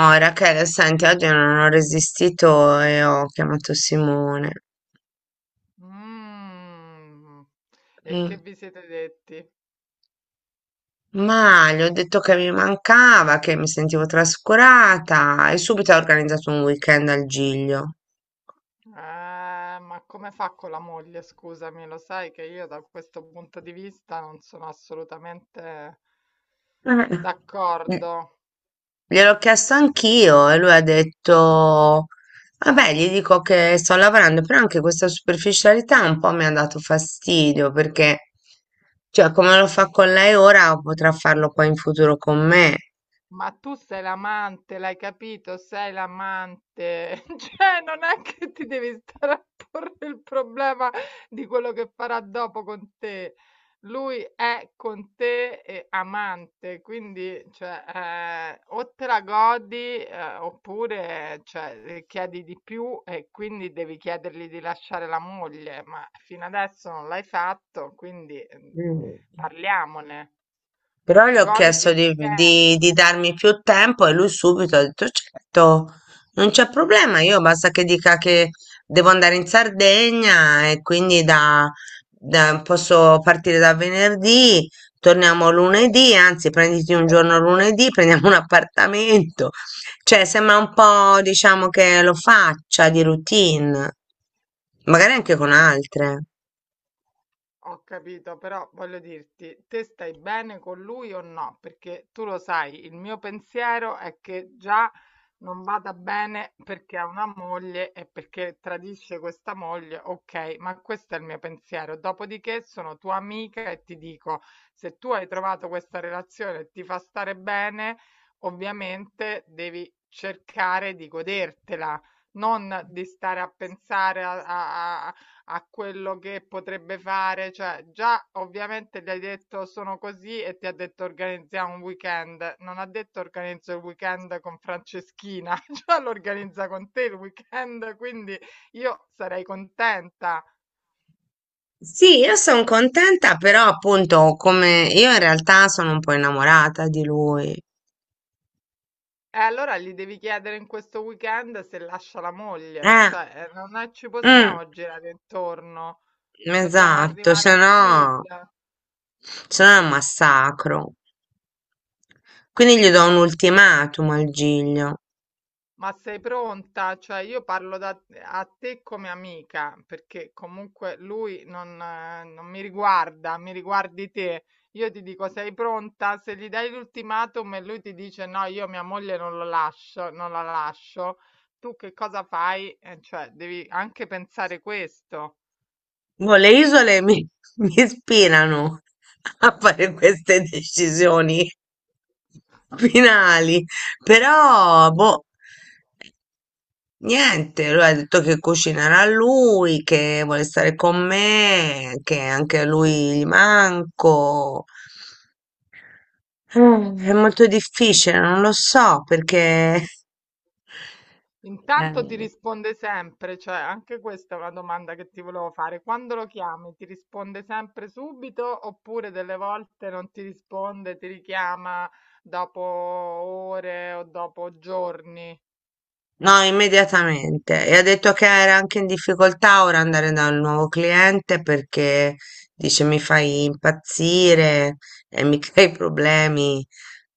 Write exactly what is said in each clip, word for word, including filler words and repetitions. Oh, Rachele, senti, oggi non ho resistito e ho chiamato Simone. Mh. E che Mm, vi siete detti? Ma gli ho detto che mi mancava, che mi sentivo trascurata e subito ha organizzato un weekend al Giglio. Ah, ma come fa con la moglie? Scusami, lo sai che io da questo punto di vista non sono assolutamente Eh. Mm, d'accordo. Gliel'ho chiesto anch'io e lui ha detto, vabbè, gli dico che sto lavorando, però anche questa superficialità un po' mi ha dato fastidio perché, cioè, come lo fa con lei ora, potrà farlo poi in futuro con me. Ma tu sei l'amante, l'hai capito? Sei l'amante. Cioè, non è che ti devi stare a porre il problema di quello che farà dopo con te. Lui è con te e amante, quindi cioè, eh, o te la godi eh, oppure cioè, eh, chiedi di più e quindi devi chiedergli di lasciare la moglie, ma fino adesso non l'hai fatto, quindi eh, Mm. parliamone. Però gli ho Goditi chiesto il di, weekend. di- di darmi più tempo e lui subito ha detto certo, non c'è problema, io basta che dica che devo andare in Sardegna e quindi da, da- posso partire da venerdì, torniamo lunedì, anzi prenditi un giorno lunedì, prendiamo un appartamento. Cioè sembra un po' diciamo che lo faccia di routine, magari anche con altre. Ho capito, però voglio dirti, te stai bene con lui o no? Perché tu lo sai, il mio pensiero è che già non vada bene perché ha una moglie e perché tradisce questa moglie, ok, ma questo è il mio pensiero. Dopodiché sono tua amica e ti dico, se tu hai trovato questa relazione e ti fa stare bene, ovviamente devi cercare di godertela, non di stare a pensare a a- a- a quello che potrebbe fare, cioè già ovviamente gli hai detto sono così e ti ha detto organizziamo un weekend, non ha detto organizzo il weekend con Franceschina, già lo organizza con te il weekend, quindi io sarei contenta. Sì, io sono contenta, però appunto come io in realtà sono un po' innamorata di lui. E allora gli devi chiedere in questo weekend se lascia la moglie, Eh, cioè eh, non è- ci mm, possiamo girare intorno, dobbiamo esatto, arrivare se al quid. no, se no è un massacro. Quindi gli do un ultimatum al Giglio. Ma sei pronta? Cioè io parlo da, a te come amica, perché comunque lui non, eh, non mi riguarda, mi riguardi te. Io ti dico sei pronta? Se gli dai l'ultimatum e lui ti dice no, io mia moglie non lo lascio, non la lascio, tu che cosa fai? Eh, cioè devi anche pensare questo. Boh, le isole mi, mi ispirano a fare queste decisioni finali, però boh. Niente, lui ha detto che cucinerà lui, che vuole stare con me, che anche a lui gli manco. Eh, È molto difficile, non lo so perché. Intanto ti Eh, risponde sempre, cioè anche questa è una domanda che ti volevo fare. Quando lo chiami, ti risponde sempre subito oppure delle volte non ti risponde, ti richiama dopo ore o dopo giorni? no, immediatamente. E ha detto che era anche in difficoltà ora andare dal nuovo cliente perché dice mi fai impazzire e mi crei problemi.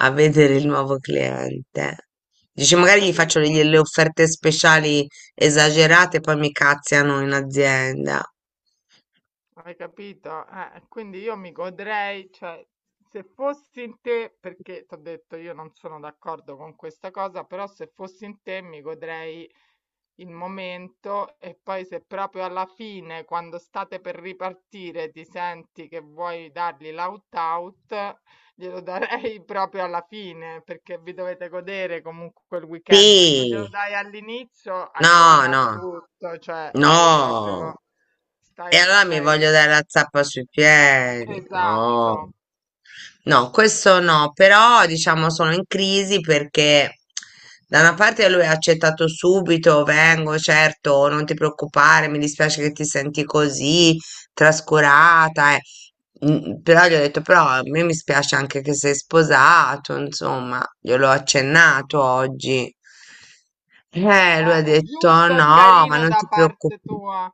A vedere il nuovo cliente. Dice, Hai magari gli faccio capito? delle offerte speciali esagerate e poi mi cazziano in azienda. Hai capito? Eh, quindi io mi godrei, cioè, se fossi in te, perché ti ho detto io non sono d'accordo con questa cosa, però se fossi in te mi godrei il momento e poi se proprio alla fine, quando state per ripartire, ti senti che vuoi dargli l'out out, glielo darei proprio alla fine, perché vi dovete godere comunque quel weekend. Se tu glielo Sì, dai all'inizio, hai no, rovinato no, tutto, cioè hai no. proprio... E Stai, allora mi stai... voglio dare la zappa sui piedi. Esatto. No. No, questo no, però diciamo sono in crisi perché da una parte lui ha accettato subito, vengo, certo, non ti preoccupare, mi dispiace che ti senti così trascurata, eh. Mm, Però gli ho detto, però a me mi spiace anche che sei sposato, insomma, gliel'ho accennato oggi. Eh, lui ha Eh, è detto, giusto e no, ma carino non da ti parte preoccupare. tua.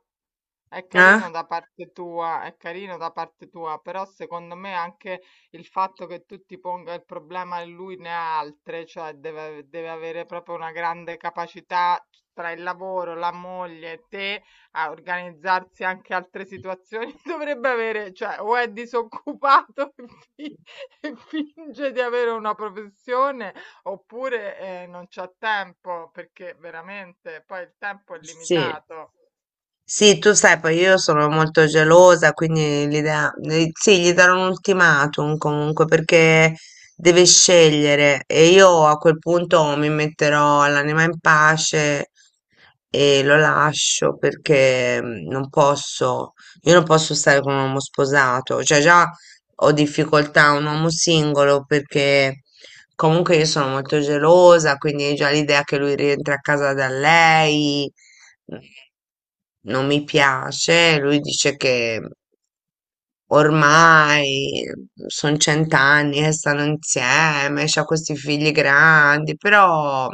È Eh? carino da parte tua, è carino da parte tua, però secondo me anche il fatto che tu ti ponga il problema e lui ne ha altre, cioè deve, deve avere proprio una grande capacità tra il lavoro, la moglie e te a organizzarsi anche altre situazioni, dovrebbe avere, cioè o è disoccupato e, fi- e finge di avere una professione oppure eh, non c'ha tempo, perché veramente poi il tempo è Sì. limitato. Sì, tu sai, poi io Looks sono molto gelosa, quindi gli da- eh, sì, gli darò un ultimatum comunque perché deve scegliere e io a quel punto mi like. metterò l'anima in pace e lo lascio perché mm, non posso, io non posso stare con un uomo sposato, cioè già ho difficoltà a un uomo singolo perché comunque io sono molto gelosa, quindi già l'idea che lui rientri a casa da lei mm, non mi piace. Lui dice che ormai sono cent'anni che stanno insieme, c'ha questi figli grandi, però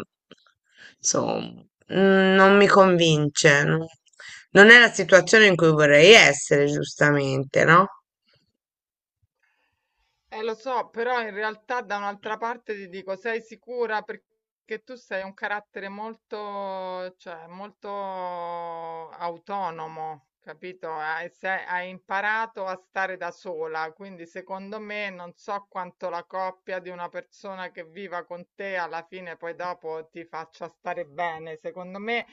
insomma, mm, non mi convince. No? Non è la situazione in cui vorrei essere, giustamente, no? Eh, lo so, però in realtà da un'altra parte ti dico, sei sicura perché tu sei un carattere molto, cioè, molto autonomo, capito? Hai, sei- hai imparato a stare da sola, quindi secondo me non so quanto la coppia di una persona che viva con te alla fine poi dopo ti faccia stare bene. Secondo me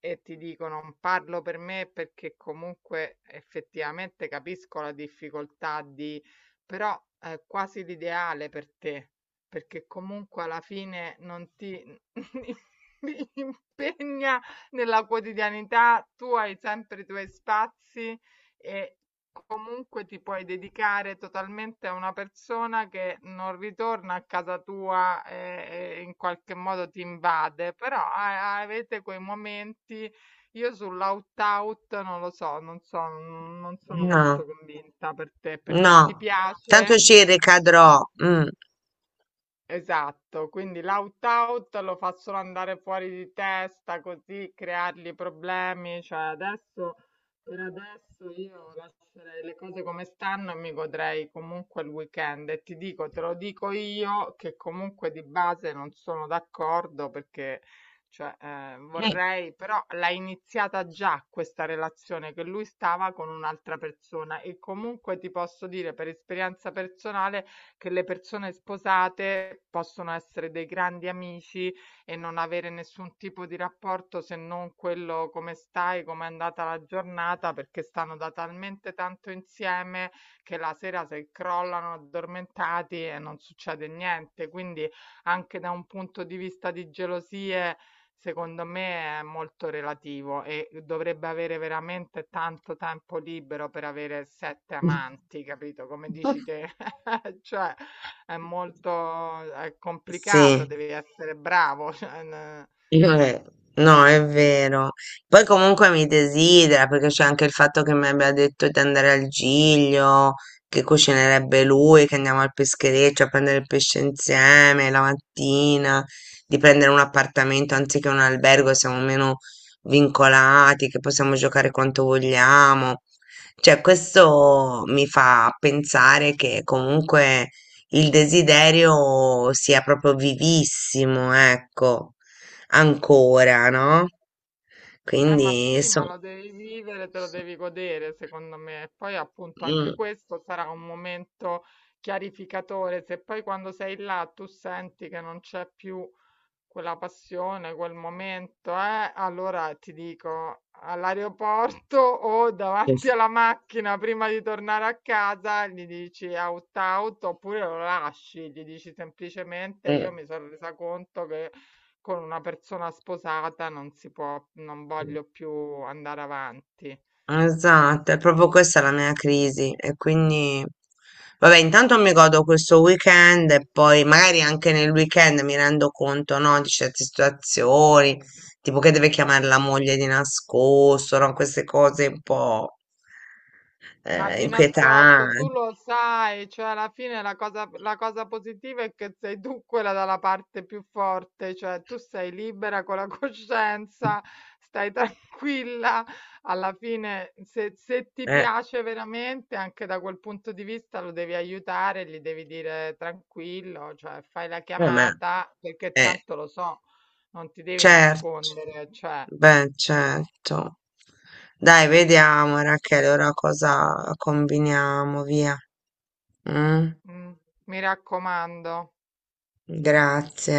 e ti dico, non parlo per me perché comunque effettivamente capisco la difficoltà di però è quasi l'ideale per te, perché comunque alla fine non ti impegna nella quotidianità, tu hai sempre i tuoi spazi e comunque ti puoi dedicare totalmente a una persona che non ritorna a casa tua e, e in qualche modo ti invade, però a- avete quei momenti, io sull'out-out non lo so, non so, non sono molto No, convinta per te, perché ti no, tanto piace? ci ricadrò. Mm. Esatto, quindi l'out-out lo fa solo andare fuori di testa, così creargli problemi. Cioè adesso, per adesso io lascerei le cose come stanno e mi godrei comunque il weekend. E ti dico, te lo dico io, che comunque di base non sono d'accordo perché cioè, eh, vorrei, però l'ha iniziata già questa relazione che lui stava con un'altra persona e comunque ti posso dire per esperienza personale che le persone sposate possono essere dei grandi amici e non avere nessun tipo di rapporto se non quello come stai, com'è andata la giornata, perché stanno da talmente tanto insieme che la sera se crollano addormentati e non succede niente. Quindi anche da un punto di vista di gelosie, secondo me è molto relativo e dovrebbe avere veramente tanto tempo libero per avere sette Mm. amanti, capito? Come dici te. Eh, cioè è molto è complicato, Sì. devi essere bravo, cioè, n- Io re- No, è vero. Poi comunque mi desidera perché c'è anche il fatto che mi abbia detto di andare al Giglio, che cucinerebbe lui, che andiamo al peschereccio a prendere il pesce insieme la mattina, di prendere un appartamento anziché un albergo, siamo meno vincolati, che possiamo giocare quanto vogliamo. Cioè, questo mi fa pensare che comunque il desiderio sia proprio vivissimo, ecco. Ancora, no, eh, ma quindi sì, ma son, lo devi vivere, te lo devi godere, secondo me. E poi appunto anche mh, questo sarà un momento chiarificatore, se poi quando sei là tu senti che non c'è più quella passione, quel momento, eh, allora ti dico all'aeroporto o davanti Yes. alla macchina prima di tornare a casa, gli dici out out oppure lo lasci, gli dici semplicemente mh, io mi sono resa conto che con una persona sposata non si può, non voglio più andare avanti. esatto, è proprio questa la mia crisi e quindi vabbè, intanto mi godo questo weekend e poi magari anche nel weekend mi rendo conto, no, di certe situazioni, tipo che deve chiamare la moglie di nascosto, no, queste cose un po' Ma eh, di nascosto, tu inquietanti. lo sai, cioè alla fine la cosa, la cosa positiva è che sei tu quella dalla parte più forte, cioè tu sei libera con la coscienza, stai tranquilla, alla fine se, se ti Eh, piace veramente, anche da quel punto di vista lo devi aiutare, gli devi dire tranquillo, cioè fai la vabbè, chiamata perché eh. tanto lo so, non ti devi Certo, nascondere, cioè beh, certo. Dai, vediamo Rachele, ora cosa combiniamo, via. Mm? mm, mi raccomando. Grazie.